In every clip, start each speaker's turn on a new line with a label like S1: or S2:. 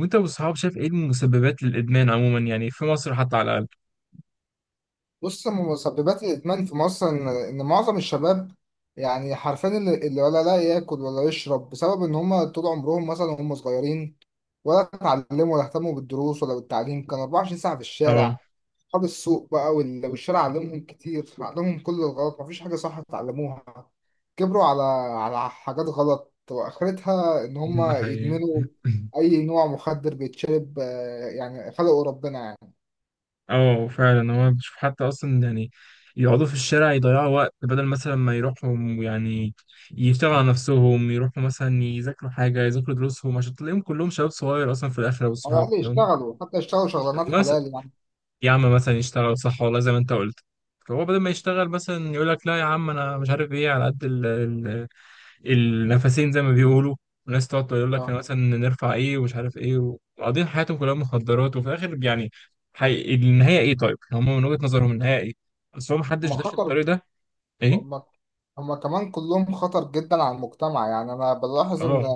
S1: وانت والصحاب شايف ايه المسببات للادمان عموما في مصر حتى على الاقل.
S2: بص، من مسببات الإدمان في مصر إن معظم الشباب يعني حرفيا اللي ولا لا ياكل ولا يشرب بسبب إن هما طول عمرهم مثلا وهم صغيرين ولا اتعلموا ولا اهتموا بالدروس ولا بالتعليم، كانوا 24 ساعة في
S1: اه،
S2: الشارع. أصحاب السوق بقى والشارع علمهم كتير، علمهم كل الغلط، مفيش حاجة صح اتعلموها. كبروا على حاجات غلط وآخرتها إن
S1: ده
S2: هما
S1: حقيقي.
S2: يدمنوا أي نوع مخدر بيتشرب. يعني خلقه ربنا يعني.
S1: اه فعلا، هو بشوف حتى اصلا، يقعدوا في الشارع يضيعوا وقت بدل مثلا ما يروحوا، يعني يشتغلوا على نفسهم، يروحوا مثلا يذاكروا حاجه، يذاكروا دروسهم، عشان تلاقيهم كلهم شباب صغير اصلا في الاخر.
S2: على
S1: والصحاب
S2: الأقل
S1: تمام
S2: يشتغلوا، حتى يشتغلوا شغلانات
S1: مثلا،
S2: حلال يعني.
S1: يا عم مثلا يشتغل صح، والله زي ما انت قلت. فهو بدل ما يشتغل مثلا يقول لك لا يا عم انا مش عارف ايه، على قد النفسين زي ما بيقولوا. وناس تقعد تقول لك
S2: لو-
S1: أنا مثلا نرفع ايه ومش عارف ايه، وقاضيين حياتهم كلها مخدرات، وفي الاخر النهايه ايه طيب؟ هم من وجهة نظرهم النهايه ايه؟ اصل هو محدش
S2: ما
S1: داخل
S2: خطر.
S1: الطريق ده. ايه؟
S2: هما هما كمان كلهم خطر جدا على المجتمع. يعني أنا بلاحظ إن
S1: اه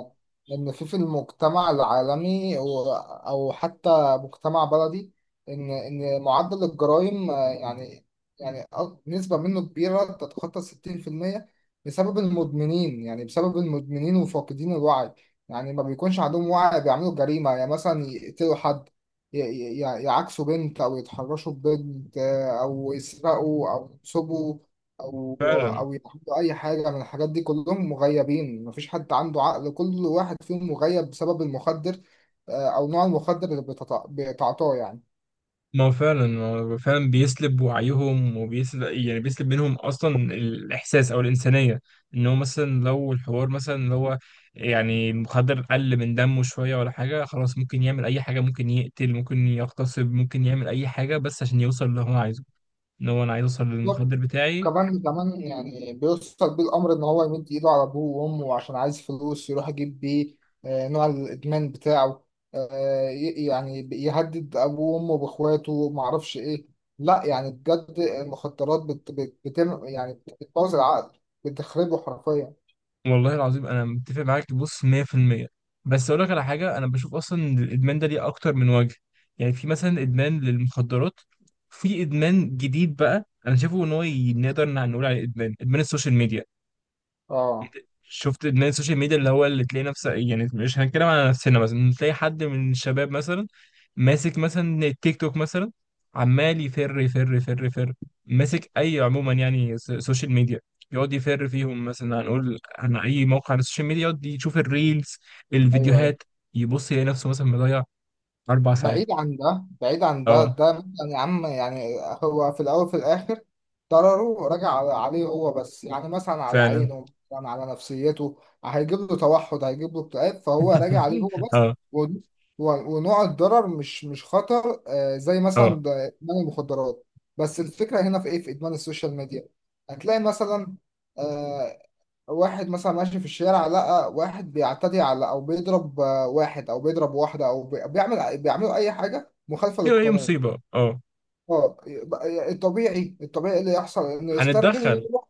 S2: في المجتمع العالمي أو حتى مجتمع بلدي، إن معدل الجرائم، يعني، يعني نسبة منه كبيرة تتخطى 60% بسبب المدمنين، يعني بسبب المدمنين وفاقدين الوعي. يعني ما بيكونش عندهم وعي، بيعملوا جريمة، يعني مثلا يقتلوا حد، يعاكسوا بنت أو يتحرشوا ببنت، أو يسرقوا أو يسبوا او
S1: فعلا.
S2: او يعملوا اي حاجه من الحاجات دي. كلهم مغيبين، مفيش حد عنده عقل، كل واحد فيهم مغيب بسبب المخدر، آه، او نوع المخدر اللي بتعاطاه يعني.
S1: ما هو فعلا، هو فعلا بيسلب وعيهم، وبيسلب بيسلب منهم اصلا الاحساس او الانسانيه. ان هو مثلا لو الحوار مثلا اللي هو المخدر قل من دمه شويه ولا حاجه، خلاص ممكن يعمل اي حاجه، ممكن يقتل، ممكن يغتصب، ممكن يعمل اي حاجه بس عشان يوصل اللي هو عايزه. ان هو انا عايز اوصل للمخدر بتاعي.
S2: كمان يعني بيوصل بيه الامر ان هو يمد ايده على ابوه وامه عشان عايز فلوس يروح يجيب بيه، نوع الادمان بتاعه. يعني يهدد ابوه وامه باخواته معرفش ايه. لا يعني بجد المخدرات بت بت بتم، يعني بتبوظ العقل، بتخربه حرفيا.
S1: والله العظيم انا متفق معاك بص 100%. بس اقول لك على حاجه، انا بشوف اصلا إن الادمان ده ليه اكتر من وجه. في مثلا ادمان للمخدرات، في ادمان جديد بقى انا شايفه ان هو نقدر نقول عليه ادمان، ادمان السوشيال ميديا.
S2: اه،
S1: شفت ان السوشيال ميديا اللي هو، اللي تلاقي نفسك، مش هنتكلم على نفسنا، مثلا تلاقي حد من الشباب مثلا ماسك مثلا التيك توك مثلا، عمال يفر، ماسك اي، عموما سوشيال ميديا، يقعد يفر فيهم. مثلا هنقول عن اي موقع على السوشيال ميديا، يقعد يشوف الريلز،
S2: ايوه ايوه.
S1: الفيديوهات، يبص يلاقي نفسه مثلا مضيع اربع ساعات.
S2: بعيد عن ده، بعيد عن ده،
S1: اه
S2: ده مثلا يا عم يعني هو في الاول في الاخر ضرره راجع عليه هو بس. يعني مثلا على
S1: فعلا.
S2: عينه، مثلا على نفسيته، هيجيب له توحد، هيجيب له اكتئاب، فهو راجع عليه هو بس.
S1: اه.
S2: و- ونوع الضرر مش خطر، زي
S1: اه،
S2: مثلا ده ادمان المخدرات. بس الفكره هنا في ايه؟ في ادمان السوشيال ميديا هتلاقي مثلا، آه، واحد مثلا ماشي في الشارع لقى واحد بيعتدي على او بيضرب، واحد او بيضرب واحده او بيعملوا اي حاجه مخالفه
S1: ايوه، هي
S2: للقانون.
S1: مصيبه اه.
S2: اه، يبقى الطبيعي، الطبيعي اللي يحصل انه يسترجل
S1: هنتدخل.
S2: ويروح.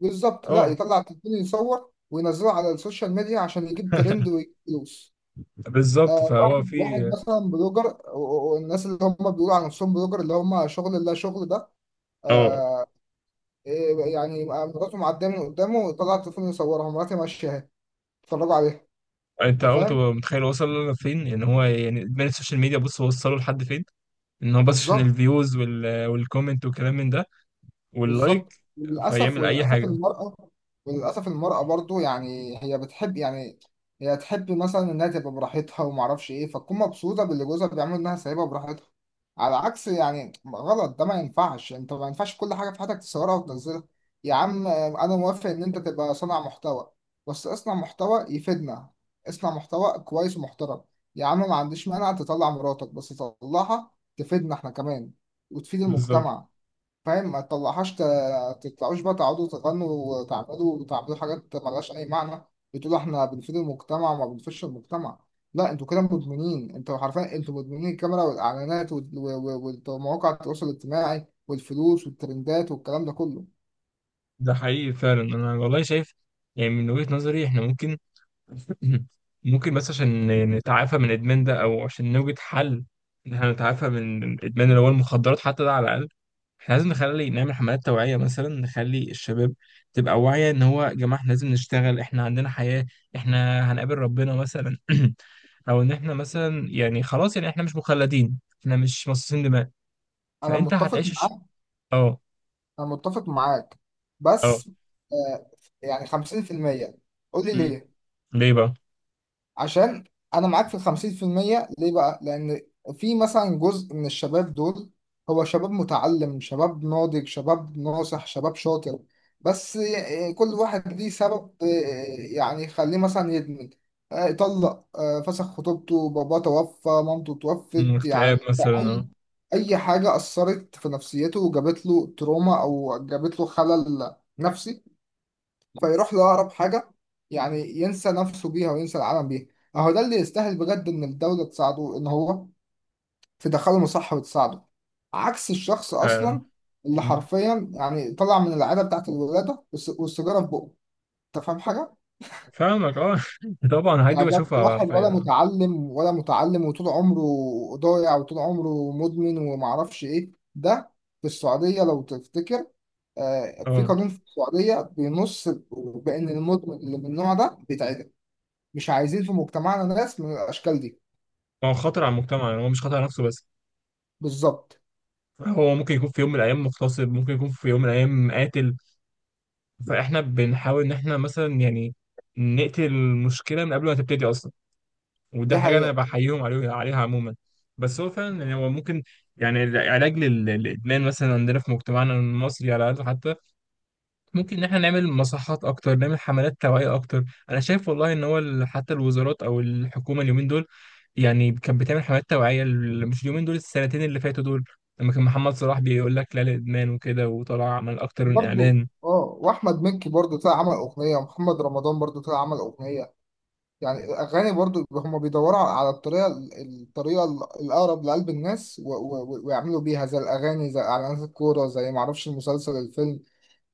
S2: بالظبط، لا،
S1: اه.
S2: يطلع التليفون يصور وينزله على السوشيال ميديا عشان يجيب ترند ويجيب فلوس.
S1: بالظبط، فهو
S2: واحد
S1: في.
S2: مثلا بلوجر، والناس اللي هم بيقولوا على نفسهم بلوجر، اللي هم شغل، لا شغل ده؟
S1: اه،
S2: آه. إيه يعني؟ يبقى مراته معديه من قدامه ويطلع التليفون يصورها، مراتي ماشيه اهي، اتفرجوا عليها.
S1: انت
S2: انت
S1: عمرك
S2: فاهم؟
S1: تبقى متخيل وصل لفين؟ ان هو ادمان السوشيال ميديا بص وصله لحد فين، ان هو بس عشان
S2: بالظبط.
S1: الفيوز والكومنت والكلام من ده، واللايك،
S2: بالظبط وللاسف،
S1: فيعمل اي
S2: وللاسف
S1: حاجه.
S2: المراه وللاسف المراه برضو، يعني هي بتحب يعني، هي تحب مثلا انها تبقى براحتها وما اعرفش ايه، فتكون مبسوطه باللي جوزها بيعمله، انها سايبها براحتها. على عكس يعني، غلط ده، ما ينفعش انت، ما ينفعش كل حاجه في حياتك تصورها وتنزلها. يا عم انا موافق ان انت تبقى صانع محتوى، بس اصنع محتوى يفيدنا، اصنع محتوى كويس ومحترم. يا عم ما عنديش مانع تطلع مراتك، بس تطلعها تفيدنا احنا كمان، وتفيد
S1: بالظبط.
S2: المجتمع. فاهم؟ ما تطلعهاش تطلعوش بقى تقعدوا تغنوا وتعملوا، وتعملوا حاجات ملهاش أي معنى، بتقولوا إحنا بنفيد المجتمع وما بنفيدش المجتمع. لا، انتوا كده مدمنين، انتوا حرفيا انتوا مدمنين الكاميرا والاعلانات ومواقع التواصل الاجتماعي والفلوس والترندات والكلام ده كله.
S1: ده حقيقي فعلا، انا والله شايف من وجهه نظري احنا ممكن، ممكن بس عشان نتعافى من الإدمان ده، أو عشان نوجد حل إن إحنا نتعافى من الإدمان اللي هو المخدرات حتى ده على الأقل. إحنا لازم نعمل حملات توعية، مثلا نخلي الشباب تبقى واعية. إن هو يا جماعة إحنا لازم نشتغل، إحنا عندنا حياة، إحنا هنقابل ربنا مثلا. أو إن إحنا مثلا خلاص إحنا مش مخلدين، إحنا مش مصاصين دماء.
S2: انا
S1: فأنت
S2: متفق
S1: هتعيش
S2: معاك،
S1: أه.
S2: انا متفق معاك،
S1: أه.
S2: بس آه يعني 50%. قول لي
S1: مم.
S2: ليه؟
S1: ليه بقى؟
S2: عشان انا معاك في 50%. ليه بقى؟ لان في مثلا جزء من الشباب دول، هو شباب متعلم، شباب ناضج، شباب ناصح، شباب شاطر، بس كل واحد ليه سبب، يعني يخليه مثلا يدمن. طلق، فسخ خطوبته، باباه توفى، مامته
S1: مم،
S2: توفت، يعني
S1: اكتئاب مثلا.
S2: اي، اي حاجه اثرت في نفسيته وجابت له تروما او جابت له خلل نفسي، فيروح لأقرب حاجة يعني ينسى نفسه بيها وينسى العالم بيها. أهو ده اللي يستاهل بجد إن الدولة تساعده، إن هو تدخله مصحة وتساعده، عكس الشخص
S1: أه
S2: أصلا اللي
S1: فعلا.
S2: حرفيا يعني طلع من العادة بتاعت الولادة والسيجارة في بقه. أنت فاهم حاجة؟
S1: فاهمك اه. طبعا الحاجات دي
S2: يعني ده
S1: بشوفها
S2: واحد ولا
S1: حرفيا.
S2: متعلم، ولا متعلم وطول عمره ضايع، وطول عمره مدمن ومعرفش إيه ده. في السعودية، لو تفتكر، في
S1: اه،
S2: قانون في السعودية بينص بأن المدمن اللي من النوع ده بيتعدم. مش عايزين في مجتمعنا ناس من الاشكال دي.
S1: هو خطر على المجتمع، هو مش خطر على نفسه بس،
S2: بالظبط.
S1: هو ممكن يكون في يوم من الايام مغتصب، ممكن يكون في يوم من الايام قاتل. فاحنا بنحاول ان احنا مثلا نقتل المشكله من قبل ما تبتدي اصلا، وده
S2: دي
S1: حاجه انا
S2: حقيقة.
S1: بحييهم عليها عموما. بس هو فعلا هو ممكن، العلاج للادمان مثلا عندنا في مجتمعنا المصري على الاقل حتى، ممكن ان احنا نعمل مصحات اكتر، نعمل حملات توعية اكتر. انا شايف والله ان هو حتى الوزارات او الحكومة اليومين دول، كانت بتعمل حملات توعية مش اليومين دول، السنتين اللي فاتوا دول، لما كان محمد صلاح بيقول لك لا للادمان وكده، وطلع عمل اكتر من
S2: برضو
S1: اعلان.
S2: اه، واحمد مكي برضو طلع عمل اغنية، ومحمد رمضان برضو طلع عمل اغنية. يعني الاغاني برضو، هم بيدوروا على الطريقة، الطريقة الاقرب لقلب الناس، ويعملوا بيها زي الاغاني، زي اعلانات الكورة، زي معرفش المسلسل، الفيلم.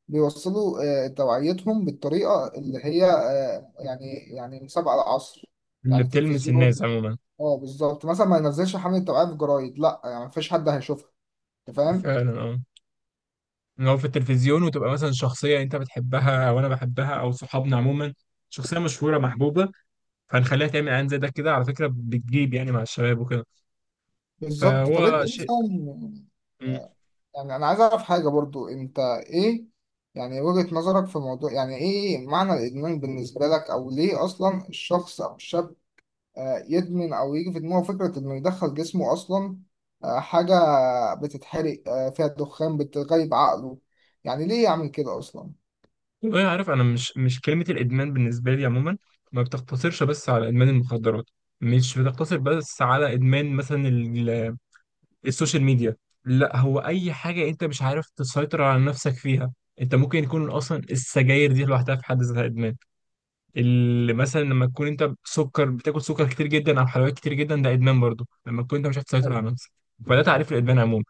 S2: بيوصلوا توعيتهم بالطريقة اللي هي، يعني يعني مسابقة العصر
S1: اللي
S2: يعني،
S1: بتلمس الناس
S2: تلفزيون.
S1: عموما.
S2: اه بالظبط. مثلا ما ينزلش حملة توعية في جرايد، لا يعني مفيش حد هيشوفها. انت فاهم؟
S1: فعلا اه. ان هو في التلفزيون، وتبقى مثلا شخصية انت بتحبها او انا بحبها او صحابنا عموما، شخصية مشهورة محبوبة، فهنخليها تعمل اعلان زي ده كده على فكرة، بتجيب مع الشباب وكده.
S2: بالظبط. طب انت
S1: فهو شيء.
S2: مثلا،
S1: إمم.
S2: يعني انا عايز اعرف حاجه برضو، انت ايه يعني وجهه نظرك في الموضوع؟ يعني ايه معنى الادمان بالنسبه لك؟ او ليه اصلا الشخص او الشاب يدمن؟ او يجي في دماغه فكره انه يدخل جسمه اصلا حاجه بتتحرق فيها دخان، بتغيب عقله؟ يعني ليه يعمل كده اصلا؟
S1: والله عارف، انا مش، مش كلمه الادمان بالنسبه لي عموما ما بتقتصرش بس على ادمان المخدرات، مش بتقتصر بس على ادمان مثلا السوشيال ميديا. لا، هو اي حاجه انت مش عارف تسيطر على نفسك فيها. انت ممكن يكون اصلا السجاير دي لوحدها في حد ذاتها ادمان. اللي مثلا لما تكون انت سكر بتاكل سكر كتير جدا او حلويات كتير جدا، ده ادمان برضه، لما تكون انت مش عارف تسيطر
S2: أيوة،
S1: على نفسك. فده تعريف الادمان عموما.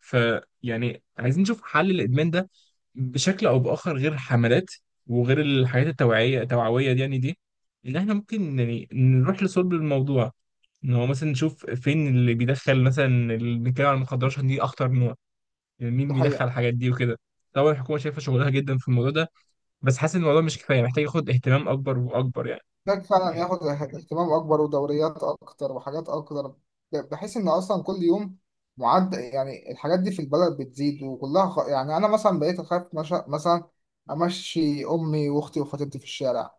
S1: عايزين نشوف حل الادمان ده بشكل او باخر، غير الحملات وغير الحاجات التوعويه دي. ان احنا ممكن نروح لصلب الموضوع، ان هو مثلا نشوف فين اللي بيدخل مثلا، اللي بنتكلم عن المخدرات عشان دي اخطر نوع، مين
S2: ده
S1: بيدخل
S2: حقيقه.
S1: الحاجات دي وكده. طبعا الحكومه شايفه شغلها جدا في الموضوع ده، بس حاسس ان الموضوع مش كفايه، محتاج ياخد اهتمام اكبر واكبر يعني.
S2: محتاج فعلا ياخد اهتمام اكبر، ودوريات اكتر، وحاجات اكتر، بحيث ان اصلا كل يوم معد، يعني الحاجات دي في البلد بتزيد وكلها خ... يعني انا مثلا بقيت اخاف، مش مثلا امشي امي واختي وخطيبتي في الشارع،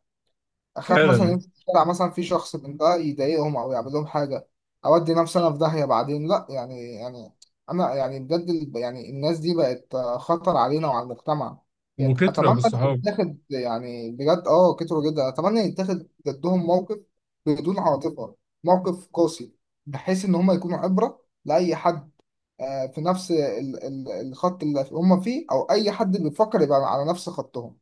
S2: اخاف مثلا
S1: فعلا.
S2: يمشي في الشارع مثلا في شخص من ده يضايقهم او يعمل لهم حاجه، اودي نفسي انا في داهيه بعدين لا يعني يعني، انا يعني بجد يعني الناس دي بقت خطر علينا وعلى المجتمع.
S1: وكترة
S2: اتمنى ان
S1: بالصحاب.
S2: يتاخد، يعني بجد اه كتروا جدا، اتمنى يتاخد ضدهم موقف بدون عاطفه، موقف قاسي، بحيث ان هم يكونوا عبره لاي حد في نفس الخط اللي هم فيه، او اي حد بيفكر يبقى على نفس خطهم.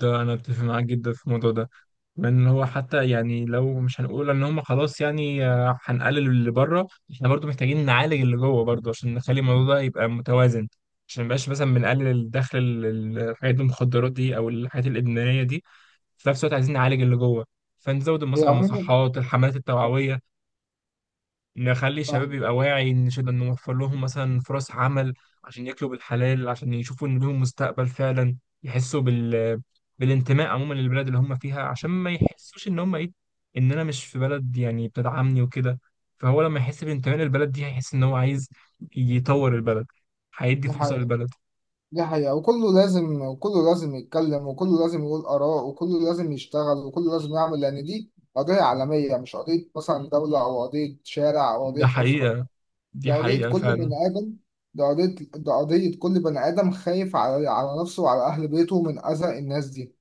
S1: ده انا اتفق معاك جدا في الموضوع ده. من هو حتى، لو مش هنقول ان هم خلاص، آه، هنقلل اللي بره، احنا برضو محتاجين نعالج اللي جوه برضو، عشان نخلي الموضوع ده يبقى متوازن. عشان مبقاش مثلا بنقلل الدخل الحاجات المخدرات دي او الحاجات الادمانيه دي، في نفس الوقت عايزين نعالج اللي جوه. فنزود
S2: هي
S1: مثلا
S2: عموما
S1: المصحات، الحملات التوعويه، نخلي
S2: آه،
S1: الشباب يبقى واعي، نوفر لهم مثلا فرص عمل عشان ياكلوا بالحلال، عشان يشوفوا ان لهم مستقبل فعلا، يحسوا بال، بالانتماء عموما للبلد اللي هم فيها، عشان ما يحسوش ان هم ايه، ان انا مش في بلد بتدعمني وكده. فهو لما يحس بانتماء للبلد دي، هيحس ان هو عايز يطور البلد، هيدي
S2: دي
S1: فرصة
S2: حقيقة.
S1: للبلد.
S2: دي حقيقة، وكله لازم، وكله لازم يتكلم، وكله لازم يقول آراء، وكله لازم يشتغل، وكله لازم يعمل، لأن دي قضية عالمية، مش قضية مثلا دولة أو قضية شارع أو
S1: ده
S2: قضية أسرة.
S1: حقيقة.
S2: دي
S1: دي
S2: قضية
S1: حقيقة
S2: كل
S1: فعلا.
S2: بني آدم. دي قضية كل بني آدم خايف على على نفسه وعلى أهل بيته من أذى الناس دي.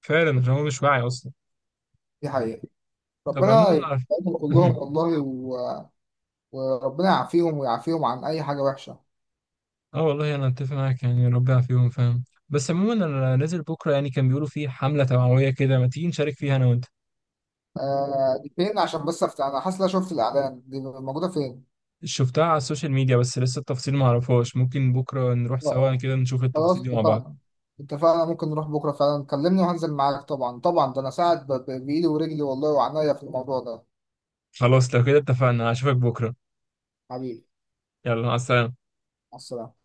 S1: فعلا، عشان هو مش واعي اصلا.
S2: دي حقيقة.
S1: طب
S2: ربنا
S1: عموما
S2: يبارك كلهم والله، و... وربنا يعافيهم ويعافيهم عن أي حاجة وحشة.
S1: اه والله انا اتفق معاك، ربنا يعافيهم، فاهم. بس عموما انا نازل بكره، يعني كان بيقولوا في حمله توعويه كده، ما تيجي نشارك فيها انا وانت.
S2: آه، دي فين؟ عشان بس أفتح، أنا حاسس إن أنا شفت الإعلان، دي موجودة فين؟
S1: شفتها على السوشيال ميديا بس لسه التفاصيل ما اعرفهاش، ممكن بكره نروح
S2: اه
S1: سوا
S2: آه.
S1: كده نشوف
S2: خلاص
S1: التفاصيل دي مع بعض.
S2: اتفقنا. اتفقنا، ممكن نروح بكرة فعلا، كلمني وهنزل معاك، طبعا طبعا، ده أنا ساعد بإيدي ورجلي والله وعناية في الموضوع ده.
S1: خلاص لو كده اتفقنا، هشوفك بكره.
S2: حبيبي،
S1: يلا، مع السلامه.
S2: مع السلامة.